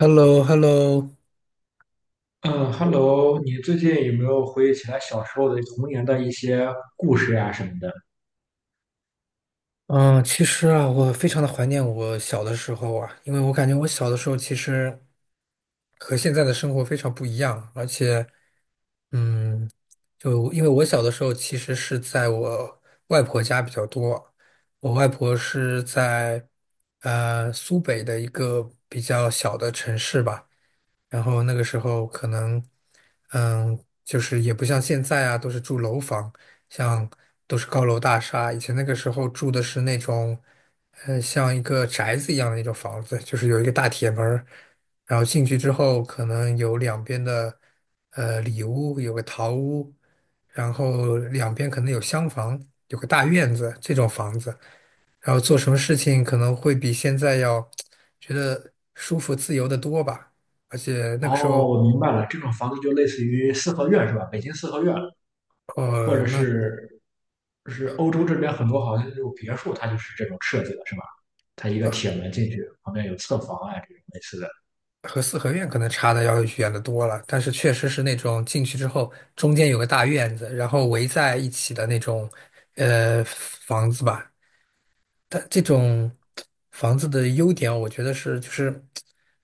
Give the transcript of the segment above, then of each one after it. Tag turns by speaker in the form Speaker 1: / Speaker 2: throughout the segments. Speaker 1: h e l l o Hello
Speaker 2: 嗯，Hello，你最近有没有回忆起来小时候的童年的一些故事呀、什么的？
Speaker 1: 嗯，其实啊，我非常的怀念我小的时候啊，因为我感觉我小的时候其实和现在的生活非常不一样，而且，嗯，就因为我小的时候其实是在我外婆家比较多，我外婆是在苏北的一个比较小的城市吧。然后那个时候可能，就是也不像现在啊，都是住楼房，像都是高楼大厦。以前那个时候住的是那种，像一个宅子一样的那种房子，就是有一个大铁门儿然后进去之后可能有两边的，里屋，有个堂屋，然后两边可能有厢房，有个大院子，这种房子。然后做什么事情可能会比现在要觉得舒服自由的多吧。而且那个时
Speaker 2: 哦，
Speaker 1: 候，
Speaker 2: 我明白了，这种房子就类似于四合院是吧？北京四合院，或
Speaker 1: 呃，
Speaker 2: 者
Speaker 1: 那
Speaker 2: 是是欧洲这边很多好像那种别墅，它就是这种设计的，是吧？它一个铁门进去，旁边有侧房啊，这种类似的。
Speaker 1: 和四合院可能差的要远的多了。但是确实是那种进去之后，中间有个大院子，然后围在一起的那种呃房子吧。但这种房子的优点，我觉得是就是，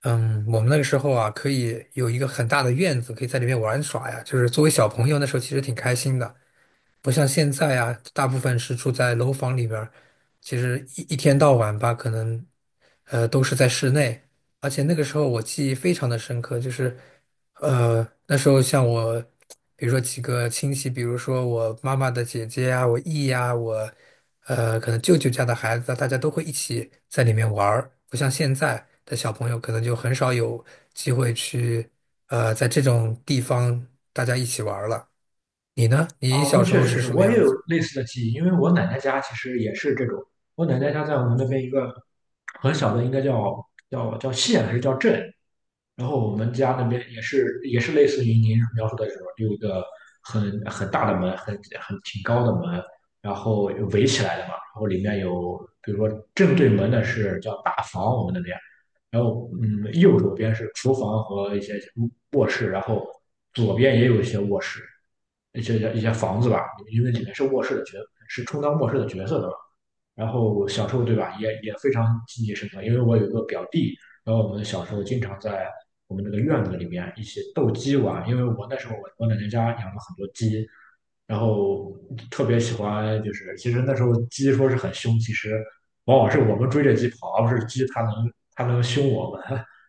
Speaker 1: 我们那个时候啊，可以有一个很大的院子，可以在里面玩耍呀。就是作为小朋友，那时候其实挺开心的。不像现在啊，大部分是住在楼房里边儿，其实一天到晚吧，可能都是在室内。而且那个时候我记忆非常的深刻，就是那时候像我，比如说几个亲戚，比如说我妈妈的姐姐啊，我姨呀、我可能舅舅家的孩子啊，大家都会一起在里面玩儿。不像现在的小朋友，可能就很少有机会去在这种地方大家一起玩儿了。你呢？你
Speaker 2: 哦，
Speaker 1: 小
Speaker 2: 那
Speaker 1: 时
Speaker 2: 确
Speaker 1: 候
Speaker 2: 实
Speaker 1: 是
Speaker 2: 是，
Speaker 1: 什么
Speaker 2: 我也
Speaker 1: 样
Speaker 2: 有
Speaker 1: 子？
Speaker 2: 类似的记忆，因为我奶奶家其实也是这种。我奶奶家在我们那边一个很小的，应该叫县还是叫镇，然后我们家那边也是类似于您描述的这种，有一个很大的门，很挺高的门，然后围起来的嘛，然后里面有，比如说正对门的是叫大房，我们那边，然后嗯，右手边是厨房和一些卧室，然后左边也有一些卧室，一些房子吧，因为里面是卧室的角，是充当卧室的角色的嘛。然后小时候对吧，也非常记忆深刻，因为我有一个表弟，然后我们小时候经常在我们这个院子里面一起斗鸡玩，因为我那时候我奶奶家养了很多鸡，然后特别喜欢，就是其实那时候鸡说是很凶，其实往往是我们追着鸡跑，而不是鸡它能它能凶我们。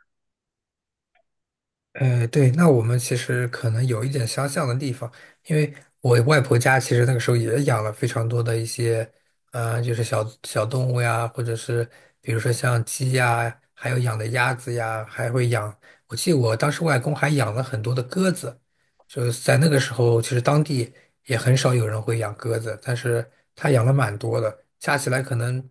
Speaker 1: 对，那我们其实可能有一点相像的地方，因为我外婆家其实那个时候也养了非常多的一些，就是小小动物呀，或者是比如说像鸡呀，还有养的鸭子呀，还会养，我记得我当时外公还养了很多的鸽子，就是在那个时候，其实当地也很少有人会养鸽子，但是他养了蛮多的，加起来可能。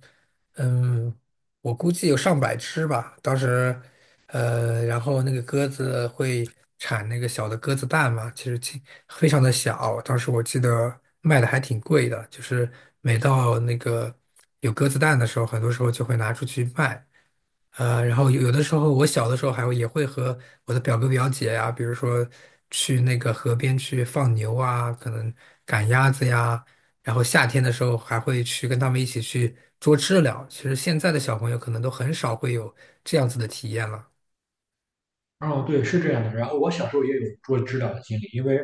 Speaker 1: 嗯，我估计有上百只吧。当时，然后那个鸽子会产那个小的鸽子蛋嘛，其实挺非常的小。当时我记得卖的还挺贵的，就是每到那个有鸽子蛋的时候，很多时候就会拿出去卖。然后有的时候，我小的时候还会也会和我的表哥表姐呀、比如说去那个河边去放牛啊，可能赶鸭子呀，然后夏天的时候还会去跟他们一起去捉知了，其实现在的小朋友可能都很少会有这样子的体验了。
Speaker 2: 哦，对，是这样的。然后我小时候也有捉知了的经历，因为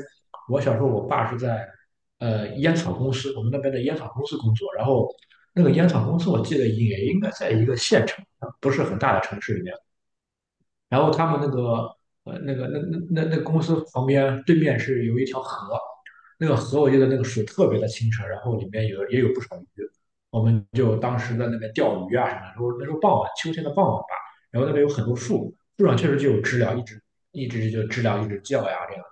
Speaker 2: 我小时候我爸是在烟草公司，我们那边的烟草公司工作，然后那个烟草公司我记得也应该在一个县城，不是很大的城市里面。然后他们那个那个那个公司旁边对面是有一条河，那个河我记得那个水特别的清澈，然后里面也有不少鱼，我们就当时在那边钓鱼啊什么的，那时候傍晚秋天的傍晚吧，然后那边有很多树，树上确实就有知了，一直就知了一直叫呀这样。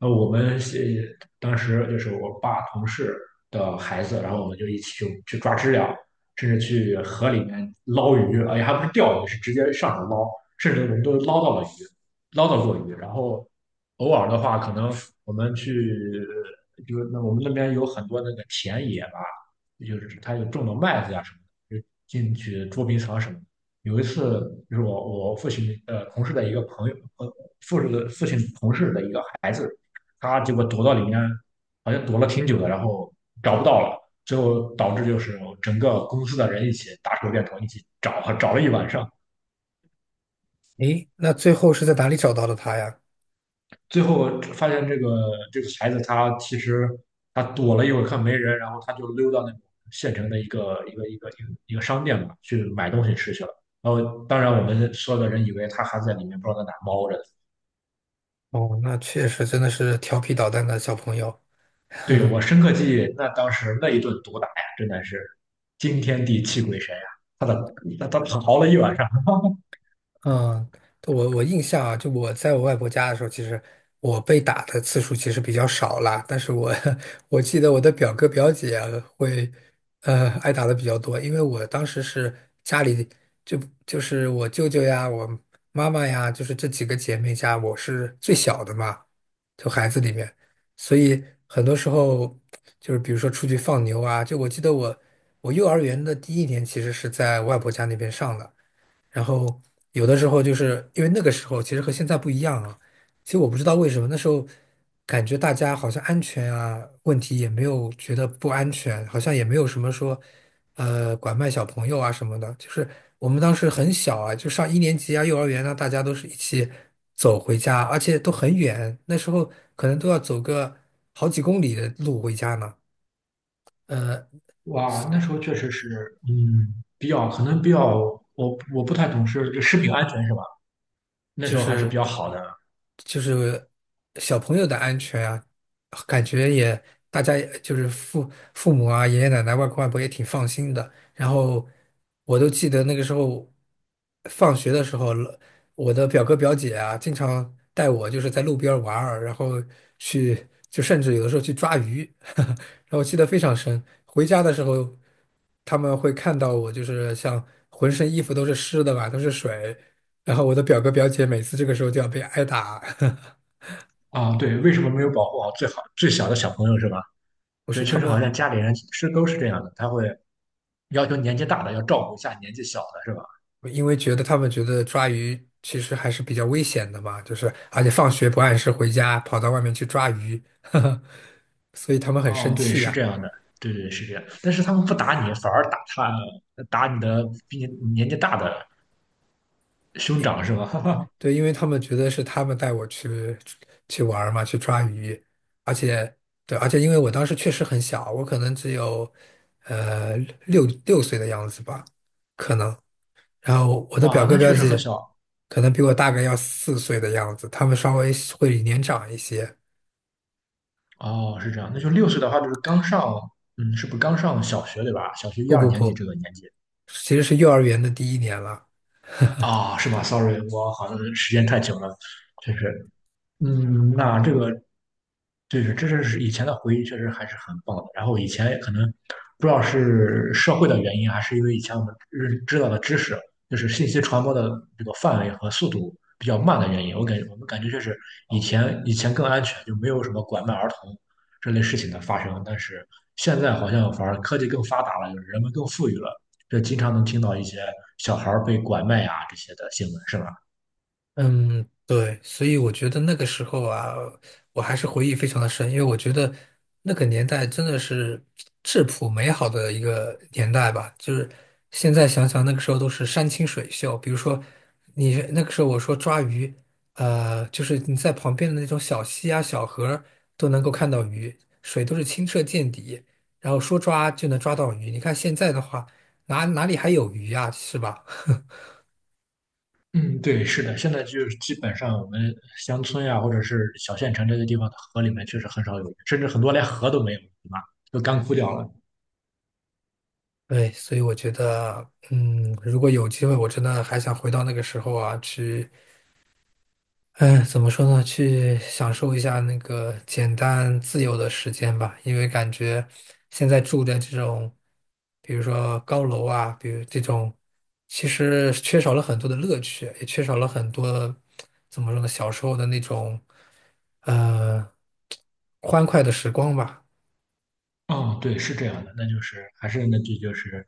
Speaker 2: 我们是当时就是我爸同事的孩子，然后我们就一起去抓知了，甚至去河里面捞鱼，哎且还不是钓鱼，是直接上手捞，甚至我们都捞到了鱼，捞到过鱼。然后偶尔的话，可能我们去，就是那我们那边有很多那个田野吧，就是他有种的麦子呀、什么的，就进去捉迷藏什么的。有一次，就是我父亲同事的一个朋友，父亲同事的一个孩子。他结果躲到里面，好像躲了挺久的，然后找不到了，最后导致就是整个公司的人一起打手电筒，一起找，找了一晚上，
Speaker 1: 诶，那最后是在哪里找到的他呀？
Speaker 2: 最后发现这个孩子他其实他躲了一会儿，看没人，然后他就溜到那种县城的一个商店嘛，去买东西吃去了。然后当然我们所有的人以为他还在里面，不知道在哪猫着。
Speaker 1: 哦，那确实真的是调皮捣蛋的小朋友，
Speaker 2: 对，我深刻记忆，那当时那一顿毒打呀，真的是惊天地泣鬼神呀！他的他他逃了一晚上。
Speaker 1: 嗯，我印象啊，就我在我外婆家的时候，其实我被打的次数其实比较少啦。但是我 我记得我的表哥表姐啊会，挨打的比较多，因为我当时是家里就就是我舅舅呀，我妈妈呀，就是这几个姐妹家，我是最小的嘛，就孩子里面，所以很多时候就是比如说出去放牛啊，就我记得我幼儿园的第一年其实是在外婆家那边上的。然后有的时候就是因为那个时候其实和现在不一样啊，其实我不知道为什么那时候感觉大家好像安全啊问题也没有觉得不安全，好像也没有什么说拐卖小朋友啊什么的，就是我们当时很小啊，就上1年级啊幼儿园啊，大家都是一起走回家，而且都很远，那时候可能都要走个好几公里的路回家呢。呃，
Speaker 2: 哇，那时候确实是，嗯，比较可能比较，我不太懂事，就食品安全是吧？那
Speaker 1: 就
Speaker 2: 时候还是比
Speaker 1: 是
Speaker 2: 较好的
Speaker 1: 就是小朋友的安全啊，感觉也大家也就是父母啊、爷爷奶奶、外公外婆也挺放心的。然后我都记得那个时候放学的时候，我的表哥表姐啊，经常带我就是在路边儿玩儿，然后去就甚至有的时候去抓鱼，然后我记得非常深。回家的时候，他们会看到我就是像浑身衣服都是湿的吧，都是水。然后我的表哥表姐每次这个时候就要被挨打，
Speaker 2: 啊。对，为什么没有保护好最好最小的小朋友是吧？
Speaker 1: 我
Speaker 2: 所
Speaker 1: 是
Speaker 2: 以
Speaker 1: 他
Speaker 2: 确实好
Speaker 1: 们，
Speaker 2: 像家里人是都是这样的，他会要求年纪大的要照顾一下年纪小的是吧？
Speaker 1: 因为觉得他们觉得抓鱼其实还是比较危险的嘛，就是而且放学不按时回家，跑到外面去抓鱼，呵呵，所以他们很
Speaker 2: 哦，
Speaker 1: 生
Speaker 2: 对，
Speaker 1: 气
Speaker 2: 是
Speaker 1: 呀。
Speaker 2: 这样的，对是这样。但是他们不打你，反而打你的比你年纪大的兄长是吧？
Speaker 1: 对，因为他们觉得是他们带我去去玩儿嘛，去抓鱼，而且对，而且因为我当时确实很小，我可能只有呃六岁的样子吧，可能。然后我的表
Speaker 2: 哇，
Speaker 1: 哥
Speaker 2: 那
Speaker 1: 表
Speaker 2: 确实很
Speaker 1: 姐
Speaker 2: 小，
Speaker 1: 可能比我大概要4岁的样子，他们稍微会年长一些。
Speaker 2: 哦，是这样，那就六岁的话就是刚上，嗯，是不是刚上小学对吧？小学一
Speaker 1: 不
Speaker 2: 二
Speaker 1: 不
Speaker 2: 年级
Speaker 1: 不，
Speaker 2: 这个年纪
Speaker 1: 其实是幼儿园的第一年了。
Speaker 2: 啊，是吗？Sorry,我好像时间太久了，确实，嗯，那这个对，这是以前的回忆，确实还是很棒的。然后以前可能不知道是社会的原因，还是因为以前我们认知道的知识，就是信息传播的这个范围和速度比较慢的原因。我感觉我们感觉就是以前更安全，就没有什么拐卖儿童这类事情的发生。但是现在好像反而科技更发达了，就是人们更富裕了，这经常能听到一些小孩儿被拐卖啊这些的新闻，是吧？
Speaker 1: 嗯，对，所以我觉得那个时候啊，我还是回忆非常的深，因为我觉得那个年代真的是质朴美好的一个年代吧。就是现在想想，那个时候都是山清水秀，比如说你那个时候我说抓鱼，就是你在旁边的那种小溪啊、小河儿都能够看到鱼，水都是清澈见底，然后说抓就能抓到鱼。你看现在的话，哪里还有鱼啊，是吧？
Speaker 2: 嗯，对，是的，现在就是基本上我们乡村呀，或者是小县城这些地方的河里面，确实很少有，甚至很多连河都没有，对吧？都干枯掉了。
Speaker 1: 对，所以我觉得，嗯，如果有机会，我真的还想回到那个时候啊，去，嗯，怎么说呢，去享受一下那个简单自由的时间吧。因为感觉现在住的这种，比如说高楼啊，比如这种，其实缺少了很多的乐趣，也缺少了很多，怎么说呢，小时候的那种，呃，欢快的时光吧。
Speaker 2: 嗯，对，是这样的，那就是还是那句就是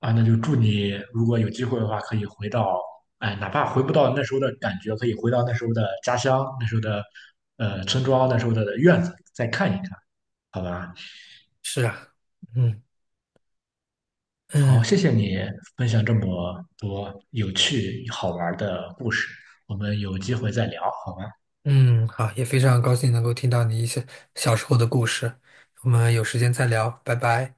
Speaker 2: 啊，那就祝你如果有机会的话，可以回到，哎，哪怕回不到那时候的感觉，可以回到那时候的家乡，那时候的村庄，那时候的院子，再看一看，好吧？
Speaker 1: 是啊，嗯
Speaker 2: 好，
Speaker 1: 嗯。
Speaker 2: 谢谢你分享这么多有趣好玩的故事，我们有机会再聊，好吗？
Speaker 1: 嗯，好，也非常高兴能够听到你一些小时候的故事。我们有时间再聊，拜拜。